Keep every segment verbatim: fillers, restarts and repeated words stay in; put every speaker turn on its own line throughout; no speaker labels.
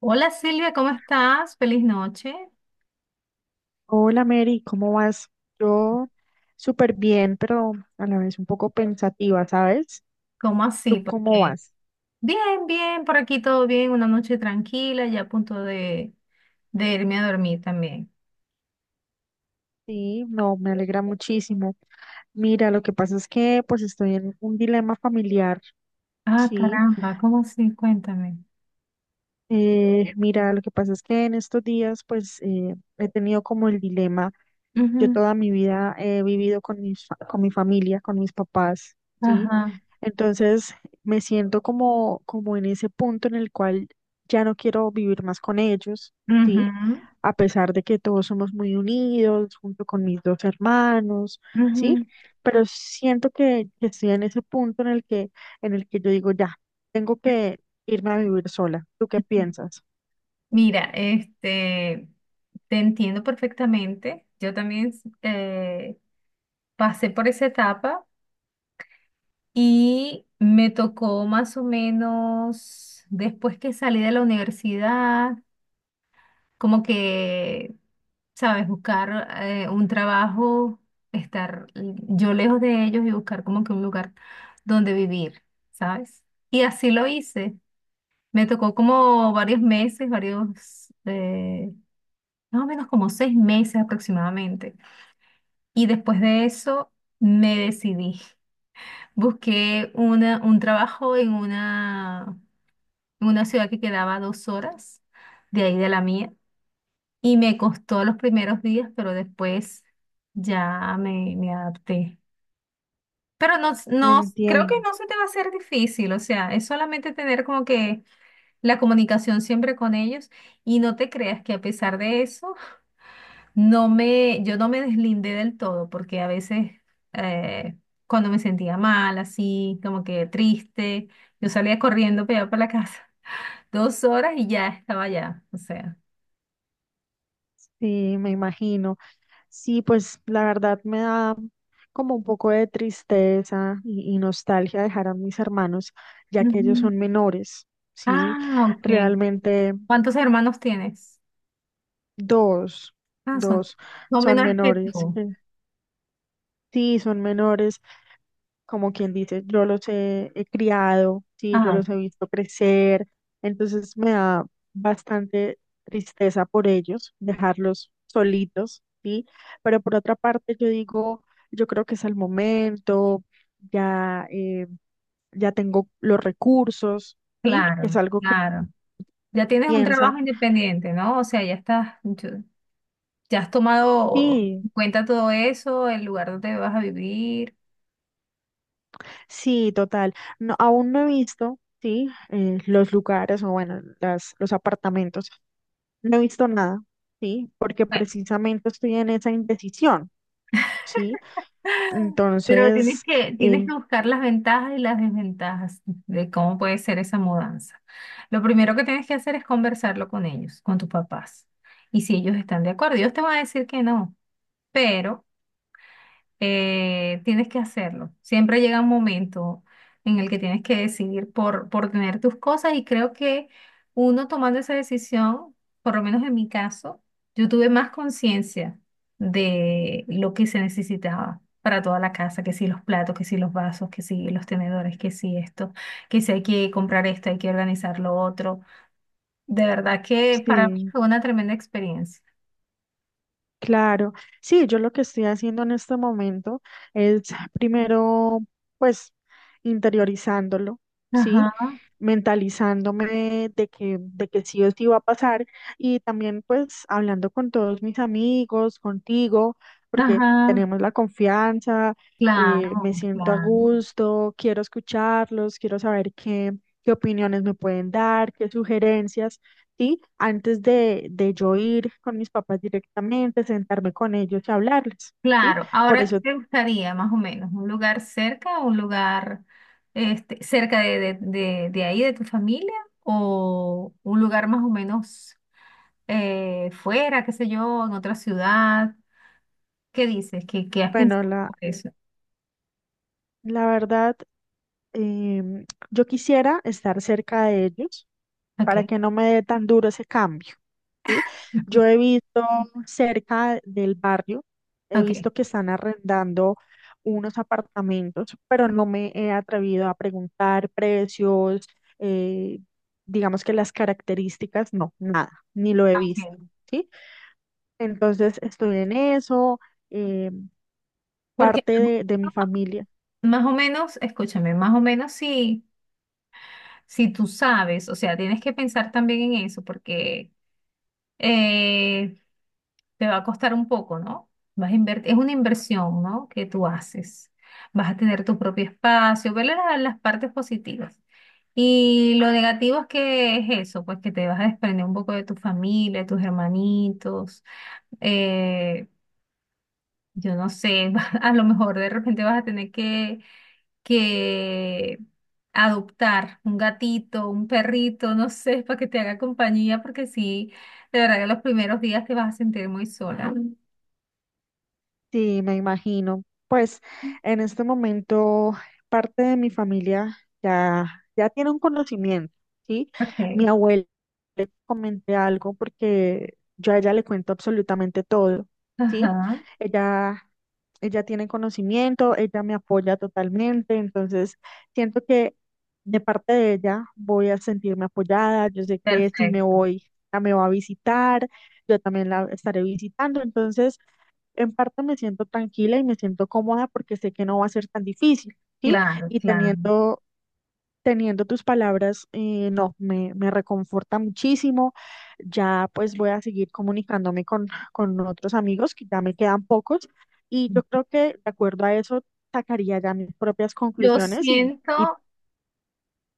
Hola Silvia, ¿cómo estás? Feliz noche.
Hola Mary, ¿cómo vas? Yo súper bien, pero a la vez un poco pensativa, ¿sabes?
¿Cómo
¿Tú
así?
cómo
Porque
vas?
bien, bien, por aquí todo bien, una noche tranquila, ya a punto de, de irme a dormir también.
Sí, no, me alegra muchísimo. Mira, lo que pasa es que pues estoy en un dilema familiar,
Ah,
¿sí?
caramba, ¿cómo así? Cuéntame.
Eh, mira, lo que pasa es que en estos días pues eh, he tenido como el dilema. Yo
Ujú.
toda mi vida he vivido con mis, fa- con mi familia, con mis papás, ¿sí?
Ajá.
Entonces me siento como, como en ese punto en el cual ya no quiero vivir más con ellos, ¿sí?
Ujú,
A pesar de que todos somos muy unidos, junto con mis dos hermanos, ¿sí?
ujú.
Pero siento que, que estoy en ese punto en el que, en el que yo digo, ya, tengo que irme a vivir sola. ¿Tú qué piensas?
Mira, este, te entiendo perfectamente. Yo también eh, pasé por esa etapa y me tocó más o menos después que salí de la universidad. Como que, sabes, buscar eh, un trabajo, estar yo lejos de ellos y buscar como que un lugar donde vivir, ¿sabes? Y así lo hice. Me tocó como varios meses, varios, eh, más o menos como seis meses aproximadamente. Y después de eso me decidí. Busqué una, un trabajo en una, en una ciudad que quedaba a dos horas de ahí de la mía. Y me costó los primeros días, pero después ya me, me adapté. Pero no, s- no, s- creo que
Entiendo.
no se te va a hacer difícil, o sea, es solamente tener como que la comunicación siempre con ellos y no te creas que a pesar de eso, no me, yo no me deslindé del todo, porque a veces eh, cuando me sentía mal, así, como que triste, yo salía corriendo para allá para la casa, dos horas y ya estaba allá, o sea.
Sí, me imagino. Sí, pues la verdad me da como un poco de tristeza y, y nostalgia dejar a mis hermanos, ya que ellos
Ujú.
son menores, ¿sí?
Ah, ok.
Realmente
¿Cuántos hermanos tienes?
dos,
Ah, son,
dos
son
son
menores que
menores.
tú.
eh, Sí, son menores, como quien dice, yo los he, he criado, sí, yo
Ah,
los he visto crecer, entonces me da bastante tristeza por ellos, dejarlos solitos, sí, pero por otra parte yo digo, yo creo que es el momento, ya, eh, ya tengo los recursos, sí, es
claro,
algo que
claro. Ya tienes un
piensa,
trabajo independiente, ¿no? O sea, ya estás, yo- ya has tomado
sí.
en cuenta todo eso, el lugar donde vas a vivir.
Sí, total. No, aún no he visto, sí, eh, los lugares o bueno, las, los apartamentos. No he visto nada, sí, porque
Bueno,
precisamente estoy en esa indecisión, sí.
pero tienes
Entonces,
que, tienes
eh,
que buscar las ventajas y las desventajas de cómo puede ser esa mudanza. Lo primero que tienes que hacer es conversarlo con ellos, con tus papás. Y si ellos están de acuerdo, ellos te van a decir que no, pero eh, tienes que hacerlo. Siempre llega un momento en el que tienes que decidir por, por tener tus cosas y creo que uno tomando esa decisión, por lo menos en mi caso, yo tuve más conciencia de lo que se necesitaba para toda la casa, que si los platos, que si los vasos, que si los tenedores, que si esto, que si hay que comprar esto, hay que organizar lo otro. De verdad que para mí
sí.
fue una tremenda experiencia.
Claro, sí, yo lo que estoy haciendo en este momento es primero, pues, interiorizándolo, ¿sí?
Ajá,
Mentalizándome de que, de que sí o sí va a pasar y también, pues, hablando con todos mis amigos, contigo, porque
ajá,
tenemos la confianza, eh,
claro,
me siento a
claro.
gusto, quiero escucharlos, quiero saber qué, qué opiniones me pueden dar, qué sugerencias. ¿Sí? Antes de, de yo ir con mis papás directamente, sentarme con ellos y hablarles, ¿sí?
Claro,
Por
ahora qué
eso,
te gustaría más o menos, un lugar cerca, un lugar este, cerca de, de- de- de ahí, de tu familia, o un lugar más o menos eh, fuera, qué sé yo, en otra ciudad. ¿Qué dices? ¿Qué, qué has
bueno,
pensado
la,
sobre eso?
la verdad, Em, yo quisiera estar cerca de ellos
Ok,
para que no me dé tan duro ese cambio, ¿sí?
ujú,
Yo he visto cerca del barrio, he
ok,
visto que están arrendando unos apartamentos, pero no me he atrevido a preguntar precios, eh, digamos que las características, no, nada, ni lo he
ah, ok.
visto, ¿sí? Entonces estoy en eso, eh,
Porque
parte de de mi familia.
más o menos, escúchame, más o menos si, si tú sabes, o sea, tienes que pensar también en eso, porque eh, te va a costar un poco, ¿no? Vas a invertir, es una inversión, ¿no? Que tú haces. Vas a tener tu propio espacio, verle la- las partes positivas. Y lo negativo es que es eso, pues que te vas a desprender un poco de tu familia, de tus hermanitos. eh, yo no sé, a lo mejor de repente vas a tener que, que adoptar un gatito, un perrito, no sé, para que te haga compañía, porque sí, de verdad que los primeros días te vas a sentir muy sola.
Sí, me imagino. Pues en este momento parte de mi familia ya, ya tiene un conocimiento, ¿sí? Mi
Ok,
abuela le comenté algo porque yo a ella le cuento absolutamente todo, ¿sí?
ajá,
Ella, ella tiene conocimiento, ella me apoya totalmente, entonces siento que de parte de ella voy a sentirme apoyada, yo sé que si me
perfecto,
voy, ella me va a visitar, yo también la estaré visitando, entonces en parte me siento tranquila y me siento cómoda porque sé que no va a ser tan difícil, ¿sí?
claro,
Y
claro.
teniendo, teniendo tus palabras, eh, no, me, me reconforta muchísimo. Ya pues voy a seguir comunicándome con, con otros amigos, que ya me quedan pocos, y yo creo que de acuerdo a eso sacaría ya mis propias
Yo
conclusiones y, y
siento,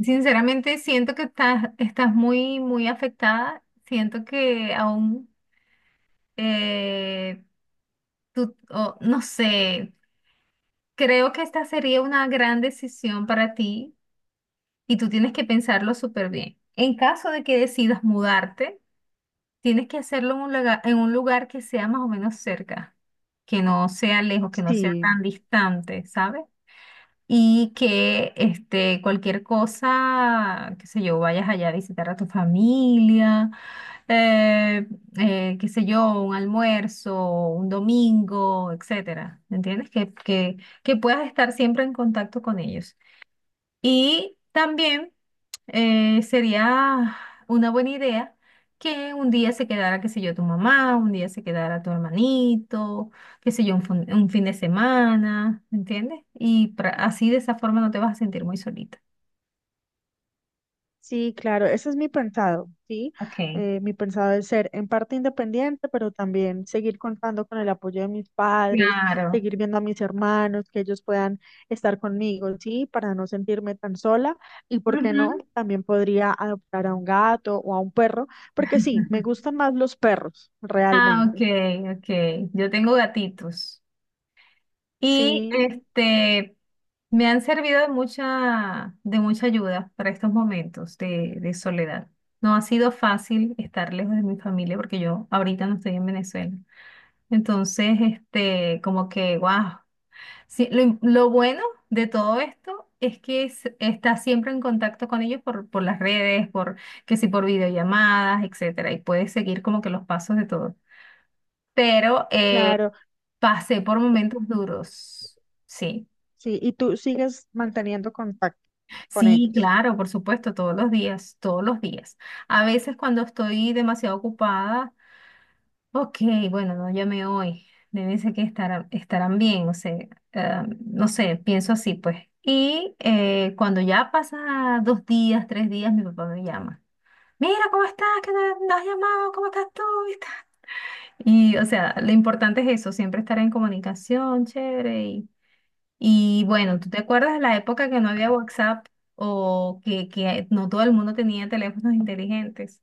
sinceramente, siento que estás, estás muy, muy afectada. Siento que aún, eh, tú, o no sé, creo que esta sería una gran decisión para ti y tú tienes que pensarlo súper bien. En caso de que decidas mudarte, tienes que hacerlo en un lugar, en un lugar que sea más o menos cerca, que no sea lejos, que no sea
sí,
tan distante, ¿sabes? Y que este, cualquier cosa, qué sé yo, vayas allá a visitar a tu familia, eh, eh, qué sé yo, un almuerzo, un domingo, etcétera. ¿Me entiendes? Que, que, que puedas estar siempre en contacto con ellos. Y también eh, sería una buena idea que un día se quedara, qué sé yo, tu mamá, un día se quedara tu hermanito, qué sé yo, un, fin un fin de semana, ¿me entiendes? Y pra- así de esa forma no te vas a sentir muy solita.
Sí, claro, ese es mi pensado, ¿sí?
Okay,
Eh, mi pensado es ser en parte independiente, pero también seguir contando con el apoyo de mis padres,
claro.
seguir viendo a mis hermanos, que ellos puedan estar conmigo, ¿sí? Para no sentirme tan sola. Y por qué no,
Ujú.
también podría adoptar a un gato o a un perro, porque sí, me gustan más los perros,
Ah, ok,
realmente.
ok. Yo tengo gatitos. Y
Sí,
este, me han servido de mucha, de mucha ayuda para estos momentos de, de soledad. No ha sido fácil estar lejos de mi familia porque yo ahorita no estoy en Venezuela. Entonces, este, como que, wow. Sí, lo, im- lo bueno de todo esto es que es- estás siempre en contacto con ellos por, por las redes, por que si por videollamadas, etcétera, y puedes seguir como que los pasos de todo. Pero eh,
claro,
pasé por momentos duros, sí.
sí. Y tú sigues manteniendo contacto con
Sí,
ellos.
claro, por supuesto, todos los días, todos los días. A veces cuando estoy demasiado ocupada, ok, bueno, no llamé hoy, debe ser que estarán, estarán bien, o sea, ah, no sé, pienso así, pues. Y eh, cuando ya pasa dos días, tres días, mi papá me llama. Mira, ¿cómo estás? ¿Qué no, no has llamado? ¿Cómo estás tú? Y, tal. Y, o sea, lo importante es eso, siempre estar en comunicación, chévere, y bueno, ¿tú te acuerdas de la época que no había WhatsApp o que, que no todo el mundo tenía teléfonos inteligentes?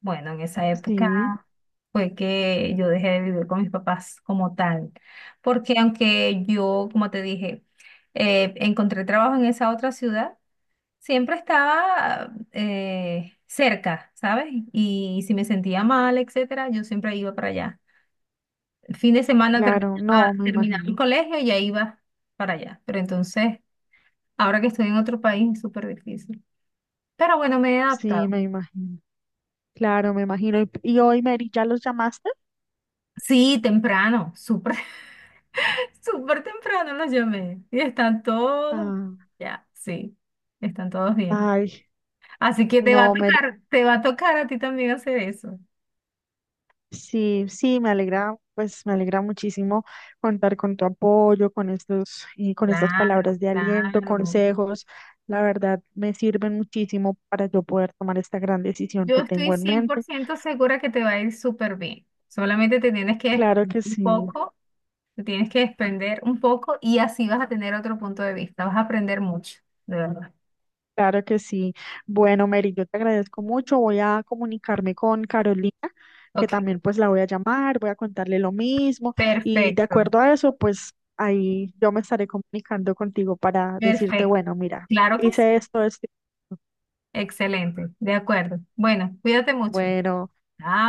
Bueno, en esa época
Sí,
fue que yo dejé de vivir con mis papás como tal, porque aunque yo, como te dije, eh, encontré trabajo en esa otra ciudad, siempre estaba eh, cerca, ¿sabes? Y si me sentía mal, etcétera, yo siempre iba para allá. Fin de semana
claro,
terminaba,
no, me
terminaba el
imagino.
colegio y ya iba para allá. Pero entonces... Ahora que estoy en otro país es súper difícil. Pero bueno, me he adaptado.
Sí, me imagino. Claro, me imagino. ¿Y, y hoy, Mary, ya los llamaste?
Sí, temprano, súper, súper temprano los llamé. Y están todos,
Ah,
ya, sí, están todos bien.
ay,
Así que te va a
no, Mary,
tocar, te va a tocar a ti también hacer eso.
sí, sí, me alegra, pues me alegra muchísimo contar con tu apoyo, con estos, y con estas
Claro,
palabras de aliento,
claro.
consejos. La verdad, me sirven muchísimo para yo poder tomar esta gran decisión
Yo
que
estoy
tengo en
cien por
mente.
ciento segura que te va a ir súper bien. Solamente te tienes que
Claro
desprender
que
un
sí.
poco, te tienes que desprender un poco y así vas a tener otro punto de vista. Vas a aprender mucho, de verdad.
Claro que sí. Bueno, Mary, yo te agradezco mucho. Voy a comunicarme con Carolina, que
Ok.
también pues la voy a llamar, voy a contarle lo mismo y de
Perfecto,
acuerdo a eso, pues ahí yo me estaré comunicando contigo para decirte,
perfecto.
bueno, mira,
Claro que sí.
hice esto, esto.
Excelente, de acuerdo. Bueno, cuídate mucho.
Bueno,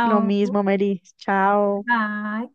lo mismo, Mary. Chao.
Bye.